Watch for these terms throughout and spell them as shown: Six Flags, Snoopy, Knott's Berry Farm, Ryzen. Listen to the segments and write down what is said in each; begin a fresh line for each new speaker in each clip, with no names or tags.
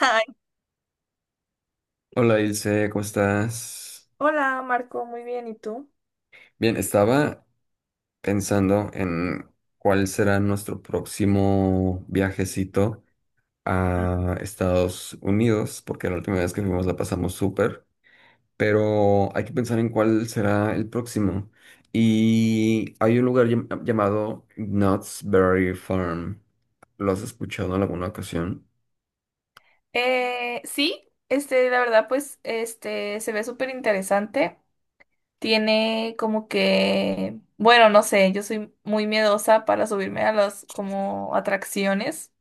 Ay,
Hola Ilse, ¿cómo estás?
hola Marco, muy bien, ¿y tú?
Bien, estaba pensando en cuál será nuestro próximo viajecito
Ujú.
a Estados Unidos, porque la última vez que fuimos la pasamos súper, pero hay que pensar en cuál será el próximo. Y hay un lugar llamado Knott's Berry Farm. ¿Lo has escuchado en alguna ocasión?
Sí, este, la verdad, pues, este, se ve súper interesante. Tiene como que, bueno, no sé, yo soy muy miedosa para subirme a las como atracciones.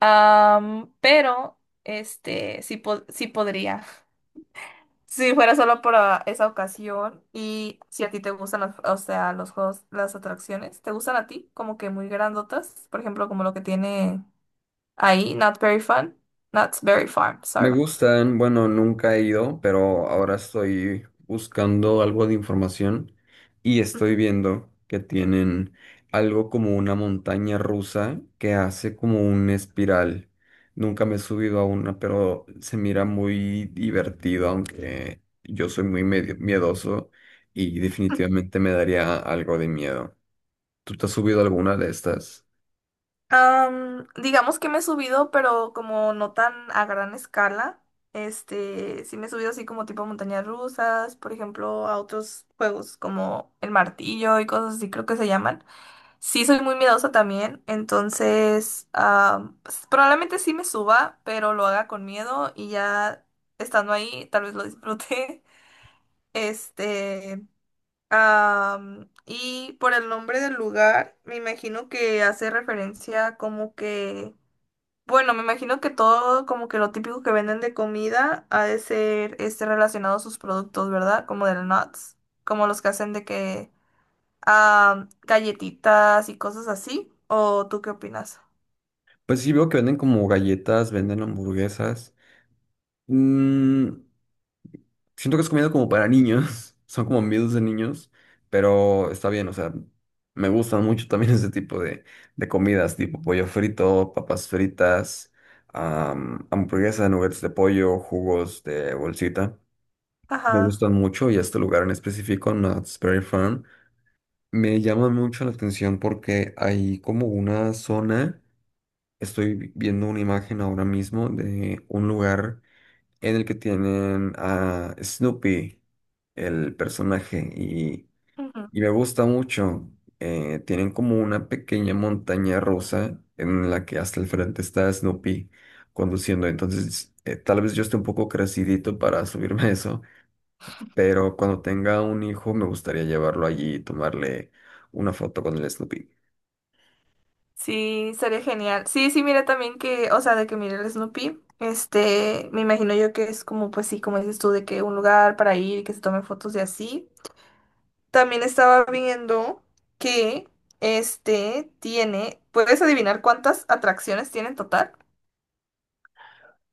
Pero, este, sí, sí podría. Si fuera solo para esa ocasión y si a ti te gustan las, o sea, los juegos, las atracciones, ¿te gustan a ti? Como que muy grandotas, por ejemplo, como lo que tiene. Ahí, Not Very Fun. Not Very Farm,
Me
sorry.
gustan, bueno, nunca he ido, pero ahora estoy buscando algo de información y estoy viendo que tienen algo como una montaña rusa que hace como un espiral. Nunca me he subido a una, pero se mira muy divertido, aunque yo soy muy medio miedoso y definitivamente me daría algo de miedo. ¿Tú te has subido a alguna de estas?
Digamos que me he subido, pero como no tan a gran escala. Este, sí me he subido así como tipo a montañas rusas, por ejemplo, a otros juegos como el martillo y cosas así creo que se llaman. Sí soy muy miedosa también, entonces pues, probablemente sí me suba, pero lo haga con miedo y ya estando ahí tal vez lo disfrute. Este, y por el nombre del lugar, me imagino que hace referencia como que, bueno, me imagino que todo como que lo típico que venden de comida ha de ser este relacionado a sus productos, ¿verdad? Como del nuts, como los que hacen de que galletitas y cosas así. ¿O tú qué opinas?
Pues sí, veo que venden como galletas, venden hamburguesas. Mm, siento que es comida como para niños, son como miedos de niños, pero está bien, o sea, me gustan mucho también ese tipo de comidas, tipo pollo frito, papas fritas, hamburguesas, hamburguesa, nuggets de pollo, jugos de bolsita. Me
Ajá.
gustan mucho y este lugar en específico, Knott's Berry Farm, me llama mucho la atención porque hay como una zona, estoy viendo una imagen ahora mismo de un lugar en el que tienen a Snoopy, el personaje, y me gusta mucho. Tienen como una pequeña montaña rusa en la que hasta el frente está Snoopy conduciendo. Entonces, tal vez yo esté un poco crecidito para subirme a eso, pero cuando tenga un hijo me gustaría llevarlo allí y tomarle una foto con el Snoopy.
Sí, sería genial. Sí, sí, mira también que, o sea, de que mire el Snoopy, este, me imagino yo que es como, pues sí, como dices tú, de que un lugar para ir y que se tomen fotos y así. También estaba viendo que, este, tiene, ¿puedes adivinar cuántas atracciones tiene en total?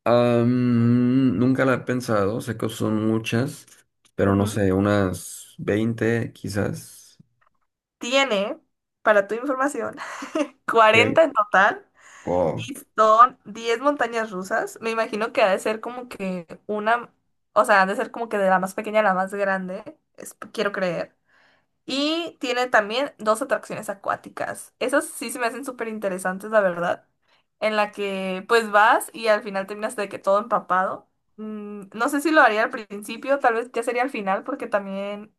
Nunca la he pensado, sé que son muchas, pero no
Ujú.
sé, unas 20 quizás.
Tiene, para tu información, 40
Ok.
en total
Wow.
y son 10 montañas rusas. Me imagino que ha de ser como que una, o sea, ha de ser como que de la más pequeña a la más grande, quiero creer. Y tiene también dos atracciones acuáticas. Esas sí se me hacen súper interesantes, la verdad. En la que pues vas y al final terminas de que todo empapado. Mm, no sé si lo haría al principio, tal vez ya sería al final, porque también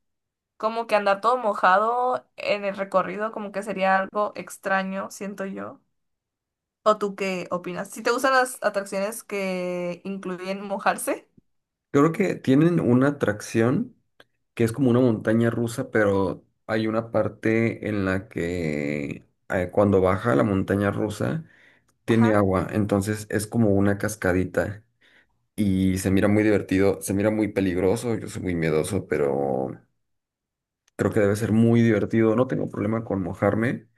como que andar todo mojado en el recorrido como que sería algo extraño, siento yo. ¿O tú qué opinas? Si te gustan las atracciones que incluyen mojarse.
Creo que tienen una atracción que es como una montaña rusa, pero hay una parte en la que cuando baja la montaña rusa tiene
Ajá.
agua, entonces es como una cascadita y se mira muy divertido, se mira muy peligroso, yo soy muy miedoso, pero creo que debe ser muy divertido, no tengo problema con mojarme,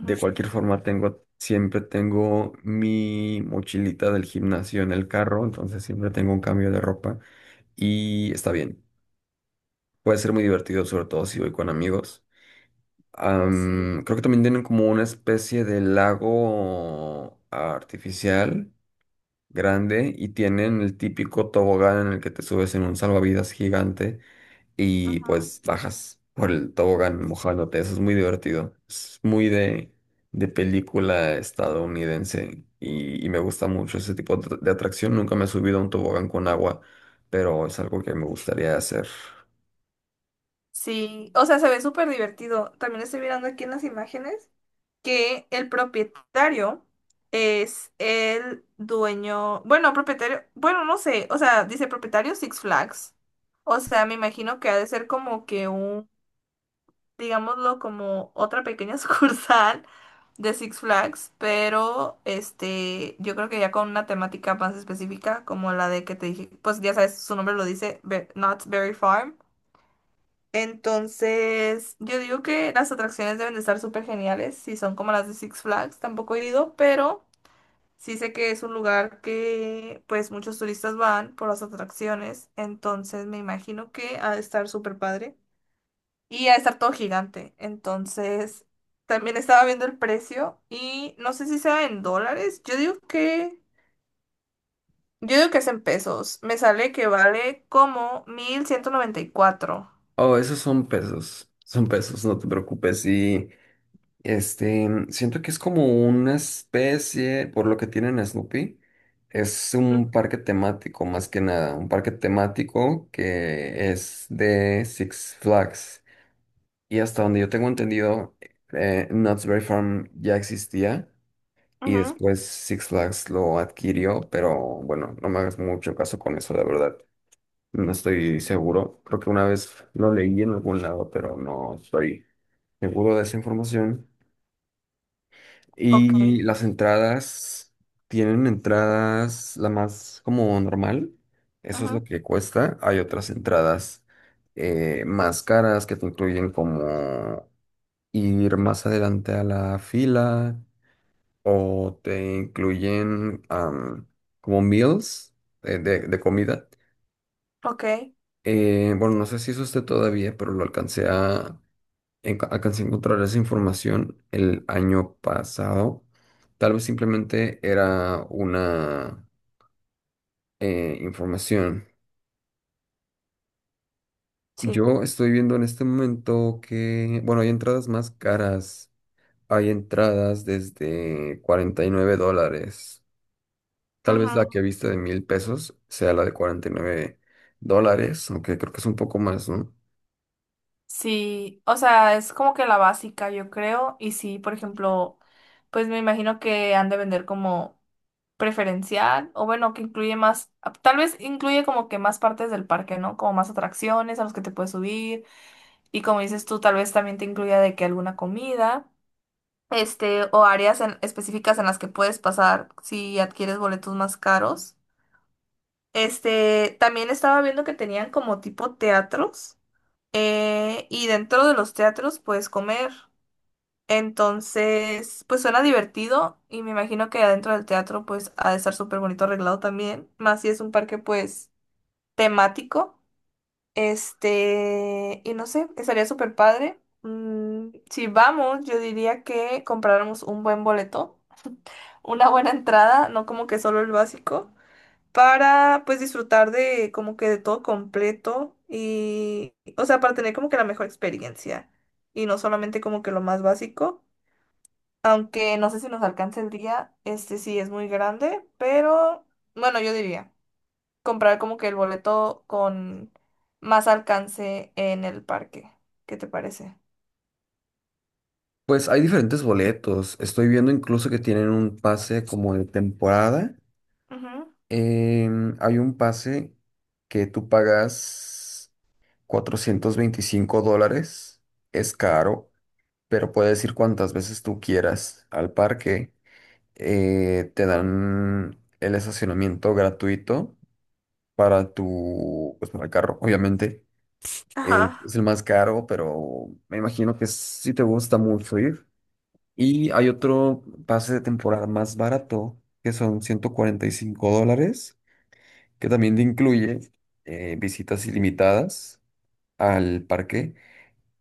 de cualquier forma tengo, siempre tengo mi mochilita del gimnasio en el carro, entonces siempre tengo un cambio de ropa y está bien. Puede ser muy divertido, sobre todo si voy con amigos.
Sí.
Creo que también tienen como una especie de lago artificial grande y tienen el típico tobogán en el que te subes en un salvavidas gigante y
Ujú.
pues bajas por el tobogán mojándote. Eso es muy divertido. Es muy de película estadounidense y me gusta mucho ese tipo de atracción. Nunca me he subido a un tobogán con agua, pero es algo que me gustaría hacer.
Sí, o sea, se ve súper divertido. También estoy mirando aquí en las imágenes que el propietario es el dueño, bueno, propietario, bueno, no sé, o sea, dice propietario Six Flags. O sea, me imagino que ha de ser como que un, digámoslo, como otra pequeña sucursal de Six Flags, pero este, yo creo que ya con una temática más específica como la de que te dije, pues ya sabes, su nombre lo dice, Knott's Berry Farm. Entonces, yo digo que las atracciones deben de estar súper geniales, si son como las de Six Flags, tampoco he ido, pero sí sé que es un lugar que pues muchos turistas van por las atracciones, entonces me imagino que ha de estar súper padre y ha de estar todo gigante. Entonces, también estaba viendo el precio y no sé si sea en dólares, yo digo que es en pesos, me sale que vale como 1,194.
Oh, esos son pesos, no te preocupes. Y este, siento que es como una especie, por lo que tienen a Snoopy, es un parque temático más que nada, un parque temático que es de Six Flags. Y hasta donde yo tengo entendido, Knott's Berry Farm ya existía y
Ujú.
después Six Flags lo adquirió, pero bueno, no me hagas mucho caso con eso, la verdad. No estoy seguro. Creo que una vez lo leí en algún lado, pero no estoy seguro de esa información.
Ok.
Y las entradas tienen entradas la más como normal. Eso es lo
Ujú.
que cuesta. Hay otras entradas más caras que te incluyen como ir más adelante a la fila o te incluyen am, como meals de comida.
Ok,
Bueno, no sé si eso esté todavía, pero lo alcancé alcancé a encontrar esa información el año pasado. Tal vez simplemente era una información.
sí.
Yo estoy viendo en este momento que, bueno, hay entradas más caras. Hay entradas desde $49. Tal vez la que
Ujú.
viste de 1000 pesos sea la de $49, aunque creo que es un poco más, ¿no?
Sí, o sea, es como que la básica, yo creo. Y sí, por ejemplo, pues me imagino que han de vender como preferencial, o bueno, que incluye más, tal vez incluye como que más partes del parque, ¿no? Como más atracciones a los que te puedes subir. Y como dices tú, tal vez también te incluya de que alguna comida, este, o áreas específicas en las que puedes pasar si adquieres boletos más caros. Este, también estaba viendo que tenían como tipo teatros. Y dentro de los teatros puedes comer. Entonces, pues suena divertido y me imagino que adentro del teatro pues ha de estar súper bonito arreglado también. Más si es un parque pues temático. Este, y no sé, estaría súper padre. Mm, si vamos, yo diría que compráramos un buen boleto, una buena entrada, no como que solo el básico para pues disfrutar de como que de todo completo y, o sea, para tener como que la mejor experiencia y no solamente como que lo más básico, aunque no sé si nos alcance el día, este sí es muy grande, pero bueno, yo diría comprar como que el boleto con más alcance en el parque. ¿Qué te parece?
Pues hay diferentes boletos. Estoy viendo incluso que tienen un pase como de temporada.
Ujú.
Hay un pase que tú pagas $425. Es caro, pero puedes ir cuantas veces tú quieras al parque. Te dan el estacionamiento gratuito para tu, pues para el carro, obviamente.
Ajá,
Es el más caro, pero me imagino que sí te gusta mucho ir. Y hay otro pase de temporada más barato, que son $145 que también te incluye visitas ilimitadas al parque,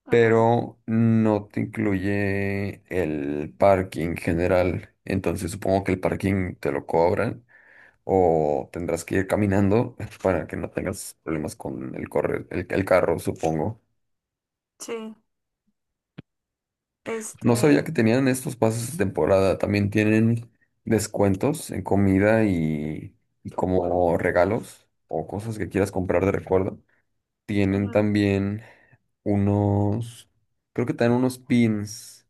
ajá,
pero no te incluye el parking general. Entonces supongo que el parking te lo cobran o tendrás que ir caminando para que no tengas problemas con el correr, el carro, supongo.
sí,
No sabía
este,
que tenían estos pases de temporada. También tienen descuentos en comida y como regalos o cosas que quieras comprar de recuerdo. Tienen
ujú,
también unos, creo que te dan unos pins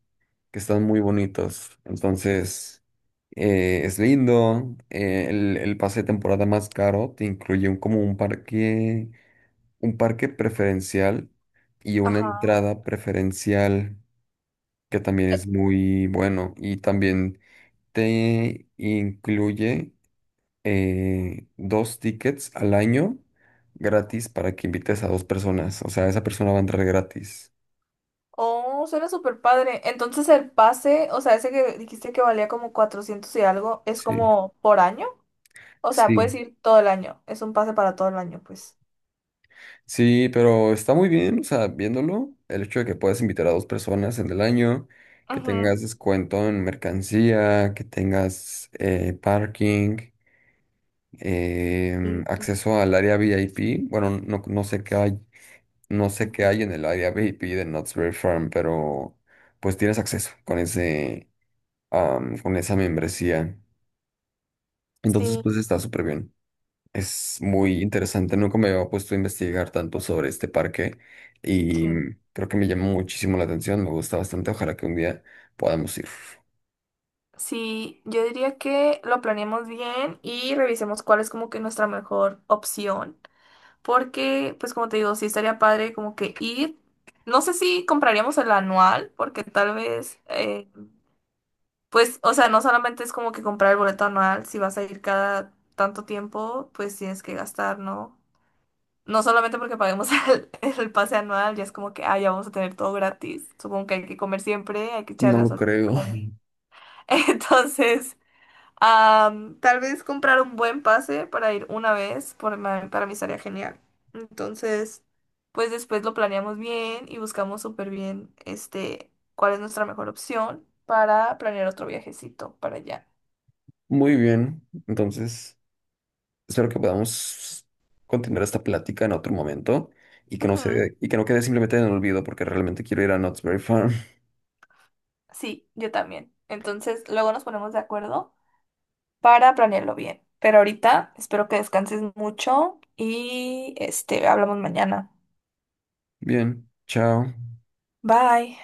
que están muy bonitos. Entonces, es lindo. El pase de temporada más caro te incluye un, como un parque preferencial y una
ajá.
entrada preferencial que también es muy bueno. Y también te incluye dos tickets al año gratis para que invites a dos personas. O sea, esa persona va a entrar gratis.
Oh, suena súper padre. Entonces el pase, o sea, ese que dijiste que valía como 400 y algo, ¿es
Sí.
como por año? O sea, puedes
Sí,
ir todo el año. Es un pase para todo el año, pues.
sí, pero está muy bien, o sea, viéndolo, el hecho de que puedas invitar a dos personas en el año, que
Ujú.
tengas descuento en mercancía, que tengas parking,
Sí.
acceso al área VIP. Bueno, no, no sé qué hay, no sé qué hay en el área VIP de Knott's Berry Farm, pero pues tienes acceso con ese, con esa membresía. Entonces,
Sí,
pues está súper bien. Es muy interesante, nunca me había puesto a investigar tanto sobre este parque y
sí.
creo que me llama muchísimo la atención, me gusta bastante, ojalá que un día podamos ir.
Sí, yo diría que lo planeemos bien y revisemos cuál es como que nuestra mejor opción. Porque, pues como te digo, sí estaría padre como que ir. No sé si compraríamos el anual, porque tal vez pues, o sea, no solamente es como que comprar el boleto anual, si vas a ir cada tanto tiempo, pues tienes que gastar, ¿no? No solamente porque paguemos el pase anual, ya es como que, ah, ya vamos a tener todo gratis. Supongo que hay que comer siempre, hay que echar
No lo
gasolina por
creo.
ahí. Entonces, tal vez comprar un buen pase para ir una vez, por, para mí estaría genial. Entonces, pues después lo planeamos bien y buscamos súper bien, este, cuál es nuestra mejor opción para planear otro viajecito para allá.
Muy bien, entonces espero que podamos continuar esta plática en otro momento y que no
Ujú.
se, y que no quede simplemente en el olvido porque realmente quiero ir a Knott's Berry Farm.
Sí, yo también. Entonces, luego nos ponemos de acuerdo para planearlo bien. Pero ahorita espero que descanses mucho y este, hablamos mañana.
Bien, chao.
Bye.